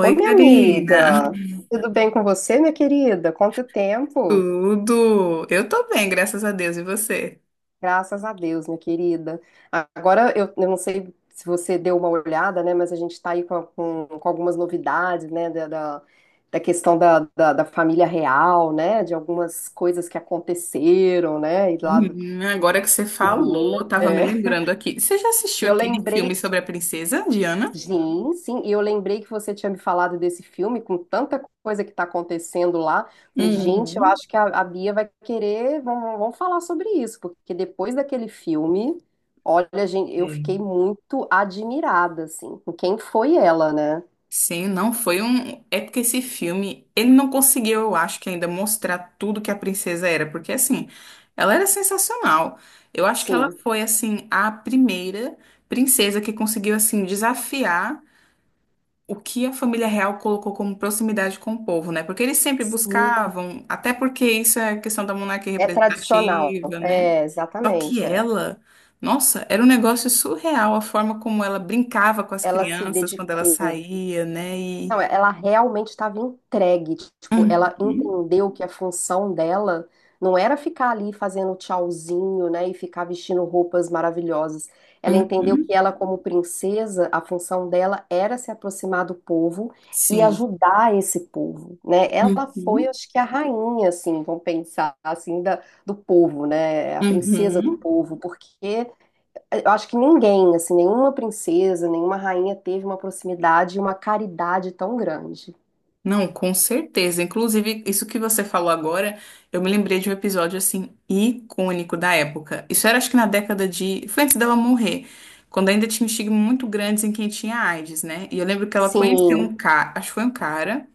Ô, minha Karina. amiga, tudo bem com você, minha querida? Quanto tempo? Tudo? Eu tô bem, graças a Deus. E você? Graças a Deus, minha querida. Agora, eu não sei se você deu uma olhada, né, mas a gente está aí com, com algumas novidades, né, da questão da família real, né, de algumas coisas que aconteceram, né, e lá, Agora que você falou, menina. eu tava me É. lembrando aqui. Você já E assistiu eu aquele lembrei, filme sobre a princesa Diana? sim, sim, e eu lembrei que você tinha me falado desse filme com tanta coisa que está acontecendo lá. Falei, gente, eu Uhum. acho que a Bia vai querer, vamos falar sobre isso, porque depois daquele filme, olha, gente, eu É. fiquei muito admirada, assim, com quem foi ela, né? Sim, não foi um. É porque esse filme, ele não conseguiu, eu acho que ainda mostrar tudo que a princesa era, porque assim, ela era sensacional. Eu acho que ela Sim, foi assim a primeira princesa que conseguiu assim desafiar o que a família real colocou como proximidade com o povo, né? Porque eles sempre sim, buscavam, até porque isso é questão da monarquia é tradicional, representativa, né? é, Só que exatamente, é. ela, nossa, era um negócio surreal a forma como ela brincava com as Ela se crianças quando ela dedicou. saía, né? E Não, é, ela realmente estava entregue. Tipo, ela uhum. entendeu que a função dela não era ficar ali fazendo tchauzinho, né, e ficar vestindo roupas maravilhosas. Ela entendeu que Uhum. ela, como princesa, a função dela era se aproximar do povo e Sim. ajudar esse povo, né? Ela foi, Uhum. acho que, a rainha, assim, vamos pensar, assim, da, do povo, né? A princesa do Uhum. povo, porque eu acho que ninguém, assim, nenhuma princesa, nenhuma rainha teve uma proximidade e uma caridade tão grande. Não, com certeza. Inclusive, isso que você falou agora, eu me lembrei de um episódio assim icônico da época. Isso era acho que na década foi antes dela morrer, quando ainda tinha um estigma muito grande em quem tinha AIDS, né? E eu lembro que ela conheceu Sim, um cara, acho que foi um cara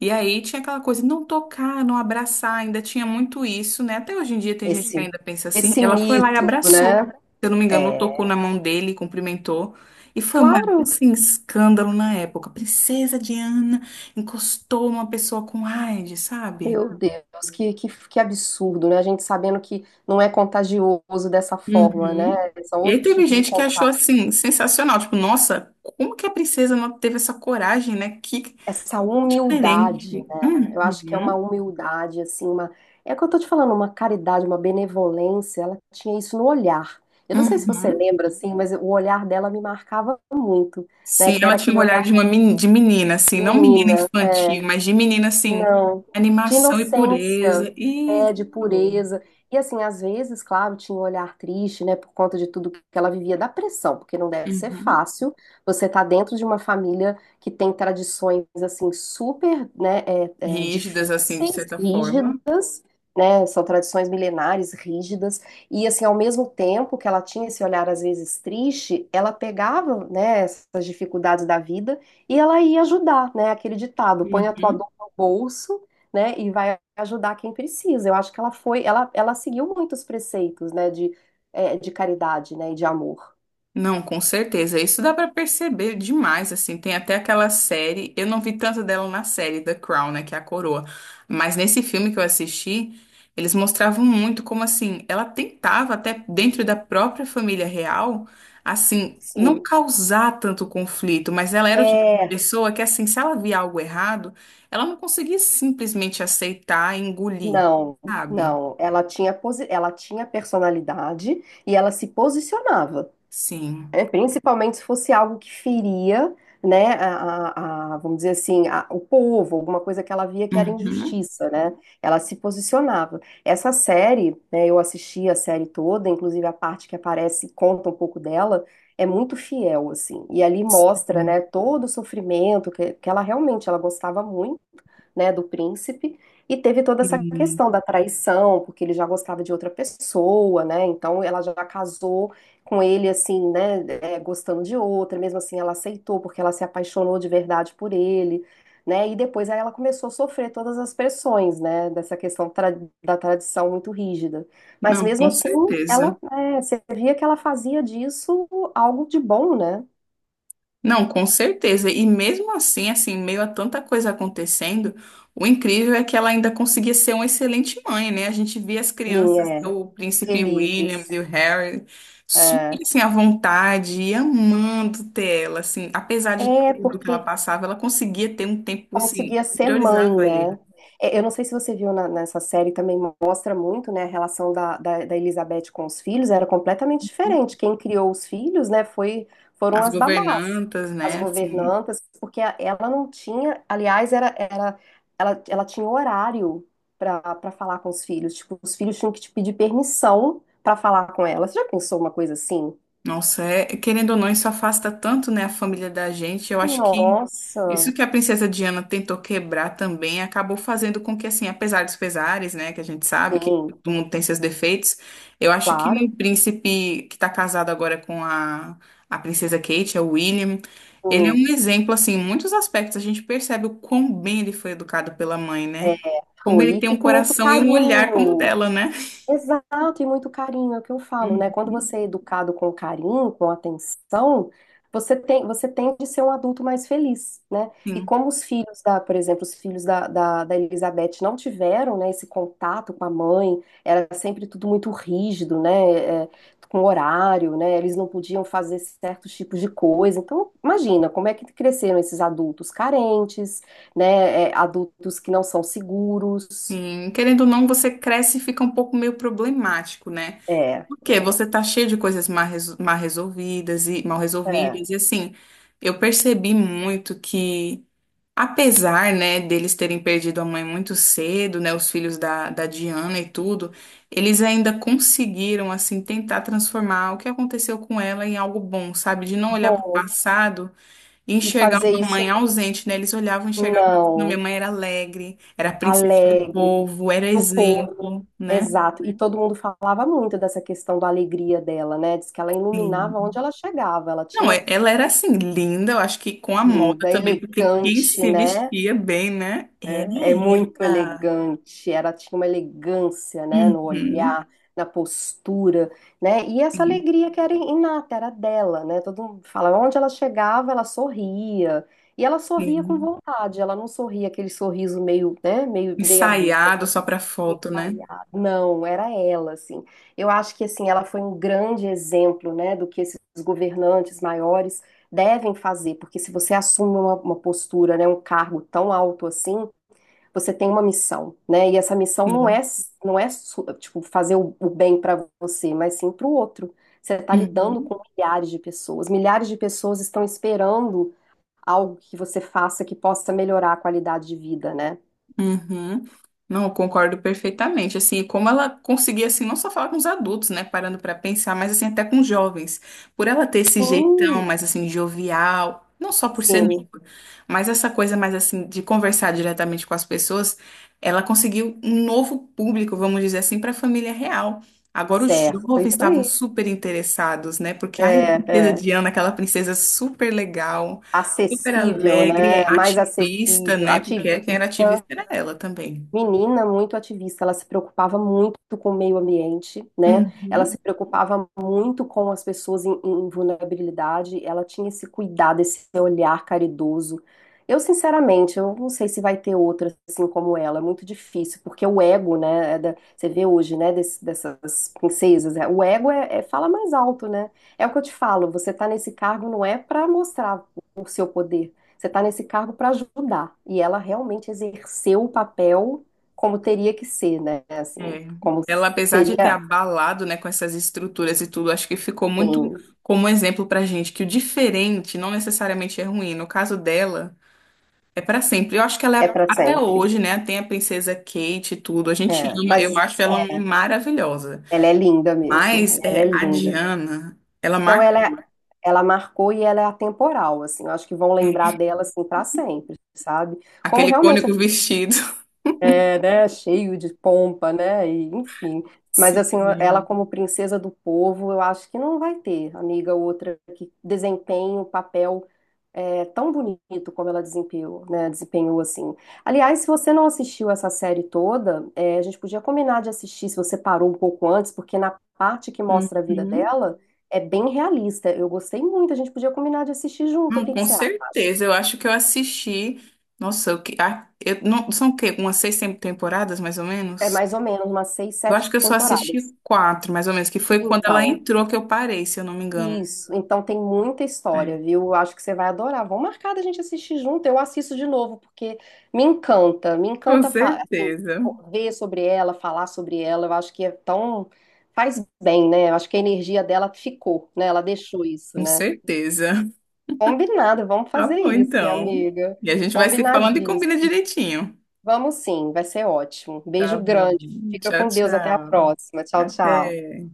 e aí tinha aquela coisa, não tocar, não abraçar, ainda tinha muito isso, né? Até hoje em dia tem gente que esse ainda pensa assim. esse Ela foi lá e mito, abraçou, se né? eu não me engano, É, tocou na mão dele, cumprimentou. E foi uma, claro, assim, escândalo na época. Princesa Diana encostou uma pessoa com AIDS, sabe? meu Deus, que absurdo, né? A gente sabendo que não é contagioso dessa forma, né? Uhum. São E aí outros teve tipos de gente que achou, contágio. assim, sensacional. Tipo, nossa, como que a princesa não teve essa coragem, né? Que Essa diferente. humildade, né? Eu acho que é uma Uhum. humildade, assim, uma. É o que eu tô te falando, uma caridade, uma benevolência. Ela tinha isso no olhar. Eu não sei se você Uhum. lembra, assim, mas o olhar dela me marcava muito, né? Sim, Que era ela tinha aquele um olhar de olhar uma meni- de menina, assim, de não menina menina. infantil, mas de menina, assim, Não, de animação e inocência, pureza. é, de Isso. pureza. E assim, às vezes, claro, tinha um olhar triste, né, por conta de tudo que ela vivia da pressão, porque não deve ser Uhum. fácil você tá dentro de uma família que tem tradições, assim, super, né, é, é, Rígidas, assim, de difíceis, certa rígidas, forma. né? São tradições milenares, rígidas, e assim, ao mesmo tempo que ela tinha esse olhar às vezes triste, ela pegava, né, essas dificuldades da vida e ela ia ajudar, né? Aquele ditado, põe a tua Uhum. dor no bolso, né, e vai ajudar quem precisa. Eu acho que ela foi, ela seguiu muitos preceitos, né, de, é, de caridade, né, e de amor. Não, com certeza. Isso dá pra perceber demais, assim. Tem até aquela série, eu não vi tanto dela na série The Crown, né, que é a coroa, mas nesse filme que eu assisti, eles mostravam muito como assim, ela tentava até dentro da própria família real, assim, não Sim. causar tanto conflito, mas ela era o tipo de É, pessoa que assim, se ela via algo errado, ela não conseguia simplesmente aceitar e engolir, não, sabe? não. Ela tinha, ela tinha personalidade e ela se posicionava. Sim. É, principalmente se fosse algo que feria, né, a, vamos dizer assim, o povo, alguma coisa que ela via que era Uhum. injustiça, né? Ela se posicionava. Essa série, né, eu assisti a série toda, inclusive a parte que aparece, conta um pouco dela, é muito fiel, assim. E ali mostra, Sim. né, todo o sofrimento que ela realmente, ela gostava muito, né, do príncipe, e teve toda essa Sim. questão da traição, porque ele já gostava de outra pessoa, né? Então ela já casou com ele assim, né, é, gostando de outra, mesmo assim ela aceitou porque ela se apaixonou de verdade por ele, né? E depois aí ela começou a sofrer todas as pressões, né, dessa da tradição muito rígida. Mas Não, mesmo com assim, certeza. ela, é, você via que ela fazia disso algo de bom, né? Não, com certeza. E mesmo assim, assim, meio a tanta coisa acontecendo, o incrível é que ela ainda conseguia ser uma excelente mãe, né? A gente via as crianças, Linha, é, o príncipe William felizes. e o Harry, É, super assim, à vontade e amando ter ela, assim, apesar de é tudo que ela porque passava, ela conseguia ter um tempo, assim, conseguia que ser mãe, priorizava ele. né? É, eu não sei se você viu nessa série, também mostra muito, né, a relação da Elizabeth com os filhos, era completamente diferente. Quem criou os filhos, né, foi, foram As as babás, governantas, as né? Assim. governantas, porque ela não tinha, aliás, ela, ela tinha horário para falar com os filhos, tipo, os filhos tinham que te pedir permissão para falar com ela. Você já pensou uma coisa assim? Nossa, é, querendo ou não, isso afasta tanto, né, a família da gente. Eu acho que Nossa, isso que a princesa Diana tentou quebrar também acabou fazendo com que, assim, apesar dos pesares, né, que a gente sabe que sim, todo mundo tem seus defeitos, eu acho que claro. o príncipe que está casado agora com a princesa Kate, é o William, ele é Sim. um exemplo, assim, em muitos aspectos. A gente percebe o quão bem ele foi educado pela mãe, né? Como Foi, ele tem um e com muito coração e um olhar como o carinho. dela, né? Exato, e muito carinho, é o que eu falo, né? Quando Uhum. você é educado com carinho, com atenção, você tem, você tende a ser um adulto mais feliz, né? E Sim. como os filhos da, por exemplo, os filhos da Elizabeth não tiveram, né, esse contato com a mãe, era sempre tudo muito rígido, né? É, com horário, né? Eles não podiam fazer certos tipos de coisa. Então, imagina como é que cresceram esses adultos carentes, né? É, adultos que não são seguros. Sim, querendo ou não, você cresce e fica um pouco meio problemático, né? É, Porque você tá cheio de coisas mal mal resolvidas e mal é. resolvidas. E assim, eu percebi muito que, apesar, né, deles terem perdido a mãe muito cedo, né, os filhos da, da Diana e tudo, eles ainda conseguiram, assim, tentar transformar o que aconteceu com ela em algo bom, sabe? De não olhar para o Bom, passado. e Enxergar fazer uma mãe isso, ausente, né? Eles olhavam e enxergavam, assim: minha não, mãe era alegre, era a princesa do alegre, povo, era do povo, exemplo, né? exato. E todo mundo falava muito dessa questão da alegria dela, né? Diz que ela iluminava onde Sim. ela chegava, ela Não, tinha é ela era assim, linda, eu acho que com a moda linda, também, porque quem elegante, se né? vestia bem, né? Era É, é muito ela. elegante, ela tinha uma elegância, né, no Uhum. olhar, na postura, né, e essa Sim, alegria que era inata, era dela, né, todo mundo fala, onde ela chegava, ela sorria, e ela sorria com sim. vontade, ela não sorria aquele sorriso meio, né, meio meia boca, Ensaiado só pra foto, né? caiado, não, era ela, assim, eu acho que, assim, ela foi um grande exemplo, né, do que esses governantes maiores devem fazer, porque se você assume uma postura, né, um cargo tão alto assim, você tem uma missão, né? E essa missão não é, Sim. não é sua, tipo fazer o bem para você, mas sim para o outro. Você está lidando com Uhum. milhares de pessoas. Milhares de pessoas estão esperando algo que você faça que possa melhorar a qualidade de vida, né? Uhum. Não, eu concordo perfeitamente. Assim, como ela conseguia, assim, não só falar com os adultos, né, parando pra pensar, mas assim até com os jovens, por ela ter esse jeitão Sim, mais assim jovial, não só por ser sim, nova, mas essa coisa mais assim de conversar diretamente com as pessoas, ela conseguiu um novo público, vamos dizer assim, para a família real. Agora os certo, é jovens isso estavam aí. super interessados, né? Porque É, ai, princesa é. Diana, aquela princesa super legal. Super Acessível, alegre, né? é Mais ativista, acessível, né? Porque quem era ativista. ativista era ela também. Menina muito ativista, ela se preocupava muito com o meio ambiente, né? Ela Uhum. se preocupava muito com as pessoas em, em vulnerabilidade, ela tinha esse cuidado, esse olhar caridoso. Eu, sinceramente, eu não sei se vai ter outra assim como ela, é muito difícil, porque o ego, né, é você vê hoje, né, dessas princesas, é, o ego é, fala mais alto, né? É o que eu te falo, você tá nesse cargo não é para mostrar o seu poder, você tá nesse cargo para ajudar. E ela realmente exerceu o papel como teria que ser, né? Assim, É. como Ela, apesar de ter seria, abalado, né, com essas estruturas e tudo, acho que ficou muito assim, como exemplo pra gente que o diferente não necessariamente é ruim. No caso dela, é pra sempre. Eu acho que ela é é, para até sempre. hoje, né, tem a princesa Kate e tudo. A gente É, ama, mas eu acho ela uma é, maravilhosa. ela é linda mesmo, Mas ela é é, a linda. Diana, ela Então marca ela marcou e ela é atemporal, assim. Eu acho que vão lembrar dela assim para sempre, sabe? Como aquele realmente icônico vestido. é, né, cheio de pompa, né? E, enfim. Mas assim, ela Sim. como princesa do povo, eu acho que não vai ter, amiga, outra que desempenhe o papel. É tão bonito como ela desempenhou, né? Desempenhou assim. Aliás, se você não assistiu essa série toda, é, a gente podia combinar de assistir se você parou um pouco antes, porque na parte que mostra a vida Uhum. dela é bem realista. Eu gostei muito, a gente podia combinar de assistir junto. O Não, que que com você acha? certeza. Eu acho que eu assisti. Nossa, eu, ah, eu, não, são o quê? Umas seis temporadas, mais ou É menos? mais ou menos umas seis, Eu sete acho que eu só temporadas. assisti quatro, mais ou menos, que foi quando ela Então, entrou que eu parei, se eu não me engano. isso, então tem muita história, É. viu? Eu acho que você vai adorar. Vamos marcar da gente assistir junto. Eu assisto de novo, porque me encanta, me Com encanta, assim, certeza. ver sobre ela, falar sobre ela. Eu acho que é tão. Faz bem, né? Eu acho que a energia dela ficou, né? Ela deixou isso, Com né? certeza. Combinado, vamos Tá fazer bom, isso, minha então. amiga. E a gente vai se falando e combina Combinadíssimo. direitinho. Vamos sim, vai ser ótimo. Tá Beijo bom. grande, fica Tchau, com Deus, até a tchau. próxima. Tchau, tchau. Até.